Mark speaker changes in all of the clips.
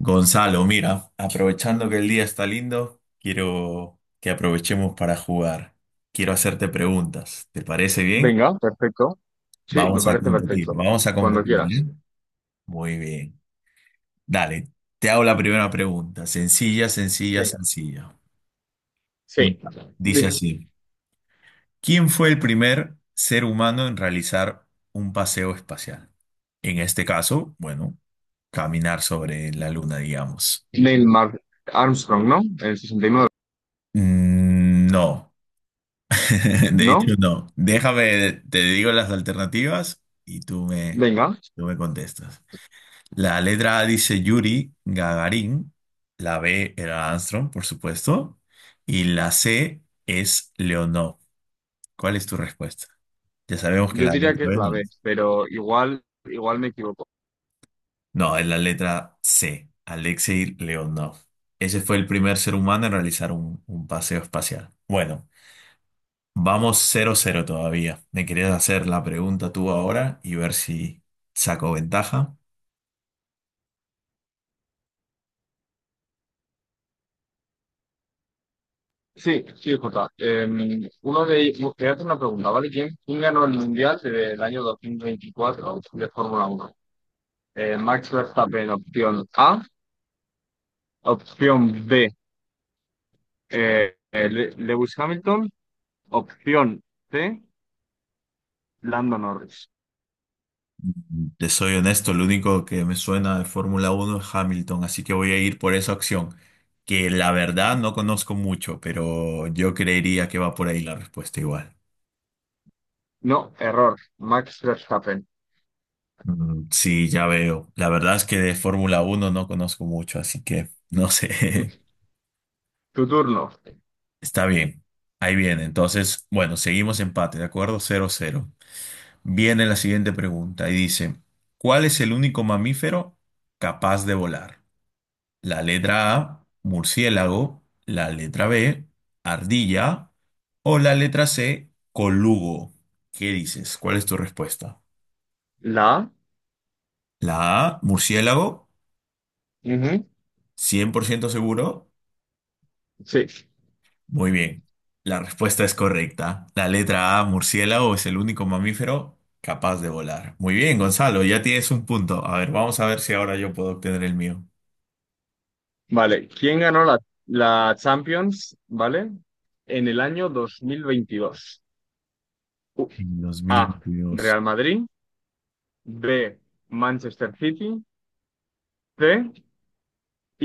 Speaker 1: Gonzalo, mira, aprovechando que el día está lindo, quiero que aprovechemos para jugar. Quiero hacerte preguntas. ¿Te parece bien?
Speaker 2: Venga, perfecto. Sí, me parece perfecto.
Speaker 1: Vamos a
Speaker 2: Cuando
Speaker 1: competir,
Speaker 2: quieras.
Speaker 1: ¿eh? Muy bien. Dale, te hago la primera pregunta. Sencilla, sencilla,
Speaker 2: Venga.
Speaker 1: sencilla. Mira,
Speaker 2: Sí.
Speaker 1: dice
Speaker 2: Mira,
Speaker 1: así, ¿quién fue el primer ser humano en realizar un paseo espacial? En este caso, bueno, caminar sobre la luna, digamos.
Speaker 2: Neil Mar- Armstrong, ¿no? En el 69.
Speaker 1: No. De hecho,
Speaker 2: ¿No?
Speaker 1: no. Déjame, te digo las alternativas y tú me,
Speaker 2: Venga.
Speaker 1: tú me contestas. La letra A dice Yuri Gagarin, la B era Armstrong, por supuesto, y la C es Leonov. ¿Cuál es tu respuesta? Ya sabemos que
Speaker 2: Yo
Speaker 1: la
Speaker 2: diría
Speaker 1: letra
Speaker 2: que es
Speaker 1: B no
Speaker 2: la B,
Speaker 1: es.
Speaker 2: pero igual me equivoco.
Speaker 1: No, es la letra C, Alexei Leonov. Ese fue el primer ser humano en realizar un paseo espacial. Bueno. Vamos 0-0 todavía. Me querías hacer la pregunta tú ahora y ver si saco ventaja.
Speaker 2: Sí, sí, Jota. Uno de ellos, quería hacer una pregunta, ¿vale? ¿Quién ganó el Mundial del año 2024 de Fórmula Uno? Max Verstappen, opción A. Opción B, Lewis Hamilton. Opción C, Lando Norris.
Speaker 1: Te soy honesto, lo único que me suena de Fórmula Uno es Hamilton, así que voy a ir por esa opción, que la verdad no conozco mucho, pero yo creería que va por ahí la respuesta igual.
Speaker 2: No, error. Max Verstappen.
Speaker 1: Sí, ya veo. La verdad es que de Fórmula Uno no conozco mucho, así que no sé.
Speaker 2: Tu turno.
Speaker 1: Está bien. Ahí viene. Entonces, bueno, seguimos empate, ¿de acuerdo? 0-0. Viene la siguiente pregunta y dice, ¿cuál es el único mamífero capaz de volar? La letra A, murciélago, la letra B, ardilla o la letra C, colugo. ¿Qué dices? ¿Cuál es tu respuesta?
Speaker 2: La A.
Speaker 1: La A, murciélago,
Speaker 2: Ujú,
Speaker 1: 100% seguro.
Speaker 2: sí.
Speaker 1: Muy bien, la respuesta es correcta. La letra A, murciélago, es el único mamífero capaz de volar. Muy bien, Gonzalo, ya tienes un punto. A ver, vamos a ver si ahora yo puedo obtener el mío.
Speaker 2: Vale. ¿Quién ganó la Champions, ¿vale? En el año 2022. U-
Speaker 1: En
Speaker 2: A.
Speaker 1: 2022.
Speaker 2: Real Madrid. B. Manchester City. C.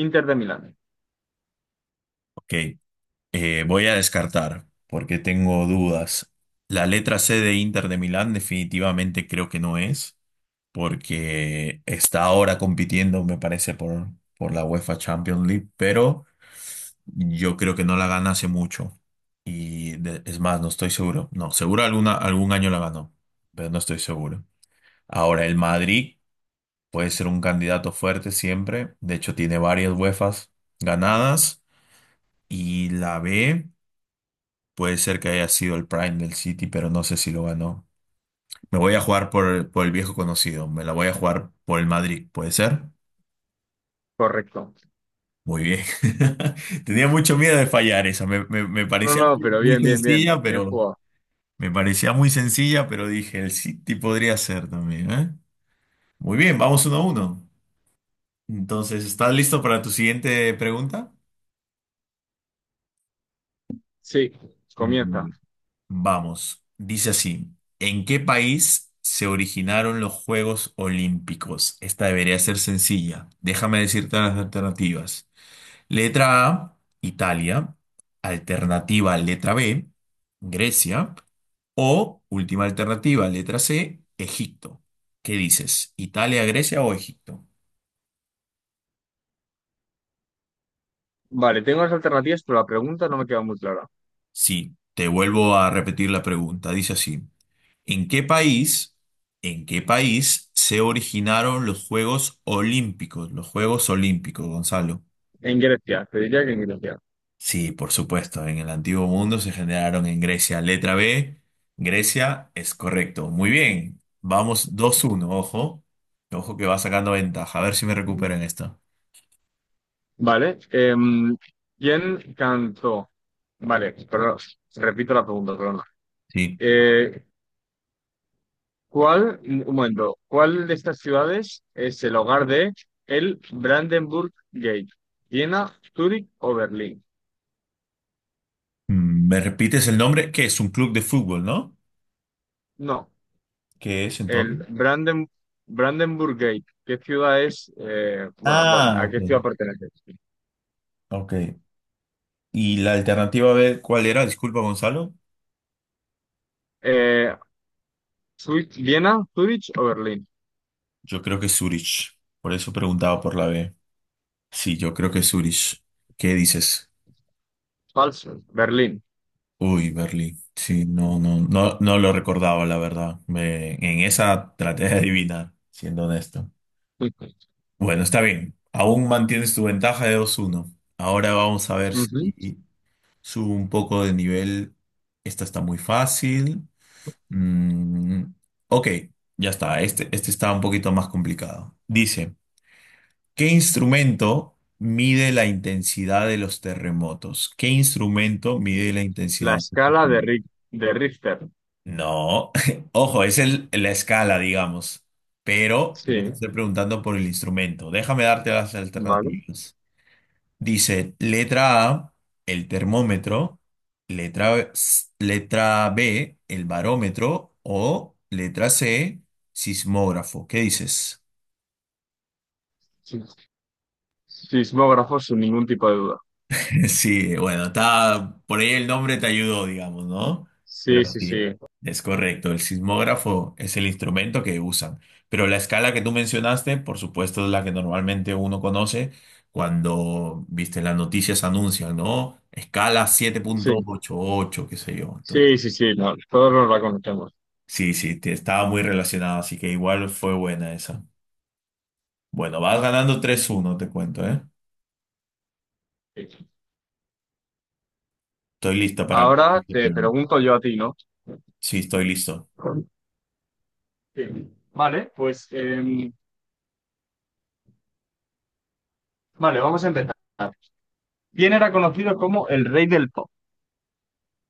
Speaker 2: Inter de Milán.
Speaker 1: Ok, voy a descartar porque tengo dudas. La letra C de Inter de Milán definitivamente creo que no es, porque está ahora compitiendo, me parece, por la UEFA Champions League, pero yo creo que no la gana hace mucho. Y es más, no estoy seguro. No, seguro algún año la ganó, pero no estoy seguro. Ahora, el Madrid puede ser un candidato fuerte siempre. De hecho, tiene varias UEFAs ganadas. Y la B puede ser que haya sido el Prime del City, pero no sé si lo ganó. Me voy a jugar por el viejo conocido, me la voy a jugar por el Madrid, ¿puede ser?
Speaker 2: Correcto.
Speaker 1: Muy bien. Tenía mucho miedo de fallar esa,
Speaker 2: No, no, pero
Speaker 1: muy
Speaker 2: bien, bien, bien.
Speaker 1: sencilla,
Speaker 2: Bien
Speaker 1: pero
Speaker 2: jugado.
Speaker 1: me parecía muy sencilla, pero dije, el City podría ser también, ¿eh? Muy bien, vamos 1-1. Entonces, ¿estás listo para tu siguiente pregunta?
Speaker 2: Sí. Comienza.
Speaker 1: Vamos, dice así, ¿en qué país se originaron los Juegos Olímpicos? Esta debería ser sencilla. Déjame decirte las alternativas. Letra A, Italia. Alternativa, letra B, Grecia. O última alternativa, letra C, Egipto. ¿Qué dices? ¿Italia, Grecia o Egipto?
Speaker 2: Vale, tengo las alternativas, pero la pregunta no me queda muy clara.
Speaker 1: Sí, te vuelvo a repetir la pregunta. Dice así. ¿En qué país, en qué país se originaron los Juegos Olímpicos? Los Juegos Olímpicos, Gonzalo.
Speaker 2: En Grecia, te diría que en Grecia.
Speaker 1: Sí, por supuesto, en el antiguo mundo se generaron en Grecia. Letra B, Grecia es correcto. Muy bien, vamos 2-1. Ojo. Ojo que va sacando ventaja. A ver si me
Speaker 2: Ujú.
Speaker 1: recupero en esta.
Speaker 2: Vale. ¿Quién cantó? Vale, perdón, repito la pregunta, perdón.
Speaker 1: Sí.
Speaker 2: Eh, ¿Cuál, un momento, ¿cuál de estas ciudades es el hogar de el Brandenburg Gate? ¿Viena, Zúrich o Berlín?
Speaker 1: ¿Me repites el nombre? Que es un club de fútbol, ¿no?
Speaker 2: No,
Speaker 1: ¿Qué es
Speaker 2: el
Speaker 1: entonces?
Speaker 2: Brandenburg Gate. ¿Qué ciudad es? Bueno,
Speaker 1: Ah,
Speaker 2: ¿a
Speaker 1: ok.
Speaker 2: qué ciudad pertenece?
Speaker 1: Ok. ¿Y la alternativa B cuál era? Disculpa, Gonzalo.
Speaker 2: Eh, ¿Viena, Zúrich o Berlín?
Speaker 1: Yo creo que Zurich. Por eso preguntaba por la B. Sí, yo creo que Zurich. ¿Qué dices?
Speaker 2: Falso, Berlín.
Speaker 1: Uy, Berlín. Sí, no, no, no, no lo recordaba, la verdad. En esa traté de adivinar, siendo honesto. Bueno, está bien. Aún mantienes tu ventaja de 2-1. Ahora vamos a ver
Speaker 2: Ujú.
Speaker 1: si subo un poco de nivel. Esta está muy fácil. Mm, ok, ya está. Este está un poquito más complicado. Dice. ¿Qué instrumento mide la intensidad de los terremotos? ¿Qué instrumento mide la
Speaker 2: La
Speaker 1: intensidad? De los terremotos?
Speaker 2: De Richter.
Speaker 1: No, ojo, es la escala, digamos. Pero yo te
Speaker 2: Sí,
Speaker 1: estoy preguntando por el instrumento. Déjame darte las
Speaker 2: vale.
Speaker 1: alternativas. Dice, letra A, el termómetro, letra B, el barómetro o letra C, sismógrafo. ¿Qué dices?
Speaker 2: Sí. Sismógrafos sin ningún tipo de duda.
Speaker 1: Sí, bueno, está, por ahí el nombre te ayudó, digamos, ¿no? Pero
Speaker 2: Sí, sí,
Speaker 1: sí,
Speaker 2: sí.
Speaker 1: es correcto. El sismógrafo es el instrumento que usan. Pero la escala que tú mencionaste, por supuesto, es la que normalmente uno conoce cuando, viste, las noticias anuncian, ¿no? Escala siete punto
Speaker 2: Sí,
Speaker 1: ochenta y ocho, qué sé yo. Entonces,
Speaker 2: sí, sí, sí, no, todos nos la conocemos.
Speaker 1: sí, sí, estaba muy relacionado, así que igual fue buena esa. Bueno, vas ganando 3-1, te cuento, ¿eh?
Speaker 2: Sí.
Speaker 1: Estoy listo para.
Speaker 2: Ahora te pregunto yo a ti, ¿no?
Speaker 1: Sí, estoy listo.
Speaker 2: Sí. Vale, pues vale, vamos a empezar. ¿Quién era conocido como el rey del pop?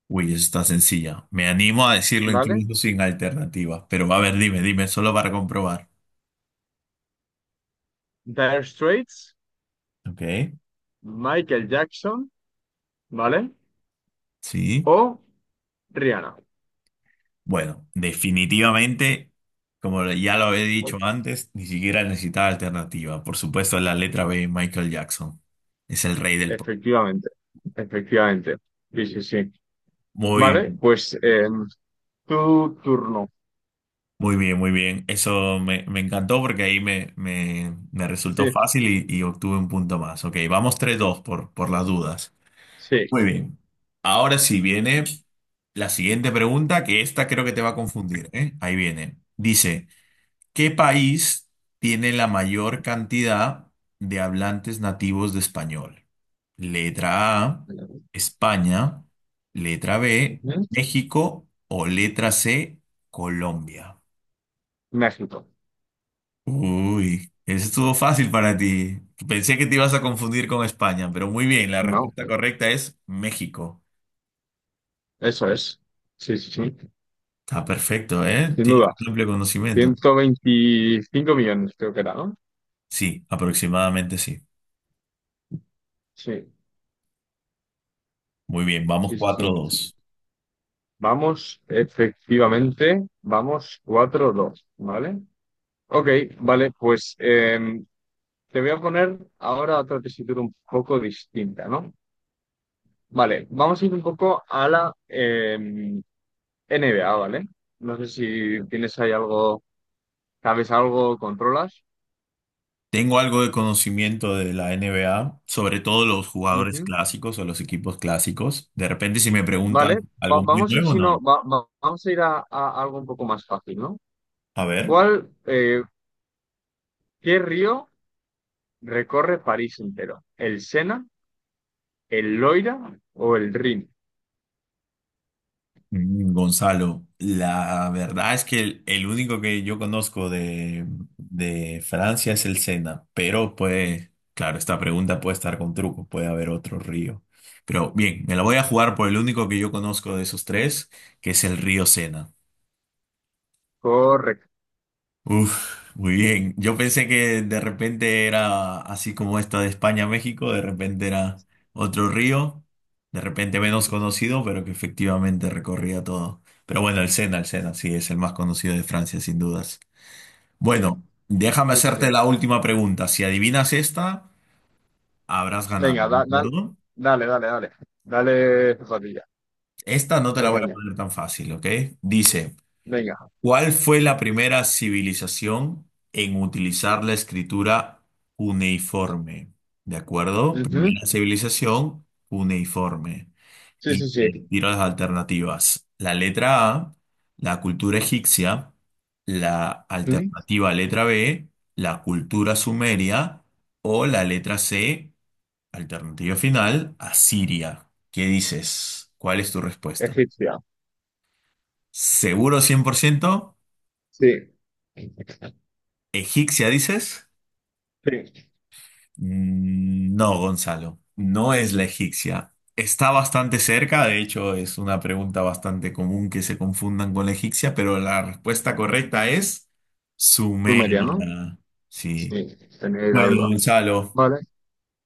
Speaker 1: Uy, eso está sencilla. Me animo a decirlo
Speaker 2: ¿Vale?
Speaker 1: incluso sin alternativas. Pero a ver, dime, dime, solo para comprobar.
Speaker 2: Dire Straits,
Speaker 1: Ok.
Speaker 2: Michael Jackson, ¿vale?
Speaker 1: Sí.
Speaker 2: O Rihanna.
Speaker 1: Bueno, definitivamente, como ya lo había dicho antes, ni siquiera necesitaba alternativa. Por supuesto, la letra B, Michael Jackson. Es el rey del pop.
Speaker 2: Efectivamente, efectivamente. Sí, sí, sí. Vale,
Speaker 1: Muy,
Speaker 2: pues tu turno.
Speaker 1: muy bien, muy bien. Eso me encantó porque ahí me
Speaker 2: Sí,
Speaker 1: resultó fácil y obtuve un punto más. Ok, vamos 3-2 por las dudas. Muy
Speaker 2: sí.
Speaker 1: bien. Ahora sí viene la siguiente pregunta, que esta creo que te va a confundir, ¿eh? Ahí viene. Dice, ¿qué país tiene la mayor cantidad de hablantes nativos de español? Letra A,
Speaker 2: Ujú.
Speaker 1: España. Letra B, México. O letra C, Colombia.
Speaker 2: México.
Speaker 1: Uy, eso estuvo fácil para ti. Pensé que te ibas a confundir con España, pero muy bien, la
Speaker 2: No,
Speaker 1: respuesta correcta es México.
Speaker 2: eso es. Sí, sí, sí.
Speaker 1: Está perfecto, ¿eh?
Speaker 2: Sin
Speaker 1: Tiene
Speaker 2: duda.
Speaker 1: un amplio conocimiento.
Speaker 2: 125 millones, creo que era, ¿no?
Speaker 1: Sí, aproximadamente sí.
Speaker 2: Sí,
Speaker 1: Muy bien, vamos
Speaker 2: sí, sí,
Speaker 1: cuatro
Speaker 2: sí.
Speaker 1: dos.
Speaker 2: Vamos, efectivamente, vamos cuatro dos, ¿vale? Ok, vale, pues te voy a poner ahora otra tesitura un poco distinta, ¿no? Vale, vamos a ir un poco a la NBA, ¿vale? No sé si tienes ahí algo, sabes algo, controlas.
Speaker 1: Tengo algo de conocimiento de la NBA, sobre todo los jugadores
Speaker 2: Ujú.
Speaker 1: clásicos o los equipos clásicos. De repente, si me
Speaker 2: Vale,
Speaker 1: preguntan algo muy
Speaker 2: vamos a ir,
Speaker 1: nuevo,
Speaker 2: si no,
Speaker 1: no.
Speaker 2: vamos a ir a algo un poco más fácil, ¿no?
Speaker 1: A ver.
Speaker 2: ¿Cuál, qué río recorre París entero? ¿El Sena, el Loira o el Rin?
Speaker 1: Gonzalo, la verdad es que el único que yo conozco de Francia es el Sena, pero puede, claro, esta pregunta puede estar con truco, puede haber otro río. Pero bien, me la voy a jugar por el único que yo conozco de esos tres, que es el río Sena.
Speaker 2: Correcto.
Speaker 1: Uf, muy bien. Yo pensé que de repente era así como esta de España a México, de repente era otro río, de repente menos conocido, pero que efectivamente recorría todo. Pero bueno, el Sena, sí, es el más conocido de Francia, sin dudas.
Speaker 2: Sí,
Speaker 1: Bueno, déjame
Speaker 2: sí,
Speaker 1: hacerte la
Speaker 2: sí.
Speaker 1: última pregunta. Si adivinas esta, habrás ganado,
Speaker 2: Venga,
Speaker 1: ¿de acuerdo?
Speaker 2: dale, dale, dale. Dale, zapatilla.
Speaker 1: Esta no te la
Speaker 2: Dale
Speaker 1: voy a
Speaker 2: caña.
Speaker 1: poner tan fácil, ¿ok? Dice.
Speaker 2: Venga.
Speaker 1: ¿Cuál fue la primera civilización en utilizar la escritura cuneiforme? ¿De acuerdo?
Speaker 2: Ujú.
Speaker 1: Primera civilización cuneiforme.
Speaker 2: Sí,
Speaker 1: Y
Speaker 2: sí,
Speaker 1: te
Speaker 2: sí.
Speaker 1: tiro las alternativas. La letra A, la cultura egipcia, la
Speaker 2: Ujú.
Speaker 1: alternativa letra B, la cultura sumeria o la letra C, alternativa final, asiria. ¿Qué dices? ¿Cuál es tu respuesta?
Speaker 2: Egipcia.
Speaker 1: ¿Seguro 100%?
Speaker 2: Sí,
Speaker 1: ¿Egipcia dices?
Speaker 2: sí.
Speaker 1: No, Gonzalo, no es la egipcia. Está bastante cerca, de hecho es una pregunta bastante común que se confundan con la egipcia, pero la respuesta correcta es
Speaker 2: Sumeria, ¿no?
Speaker 1: Sumeria. Sí.
Speaker 2: Sí, tenía la
Speaker 1: Bueno,
Speaker 2: duda.
Speaker 1: Gonzalo,
Speaker 2: Vale.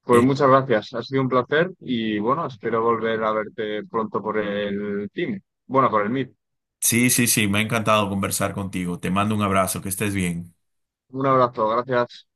Speaker 2: Pues
Speaker 1: eh,
Speaker 2: muchas gracias, ha sido un placer y bueno, espero volver a verte pronto por el team. Bueno, por el Meet.
Speaker 1: sí, sí, sí, me ha encantado conversar contigo. Te mando un abrazo, que estés bien.
Speaker 2: Un abrazo, gracias.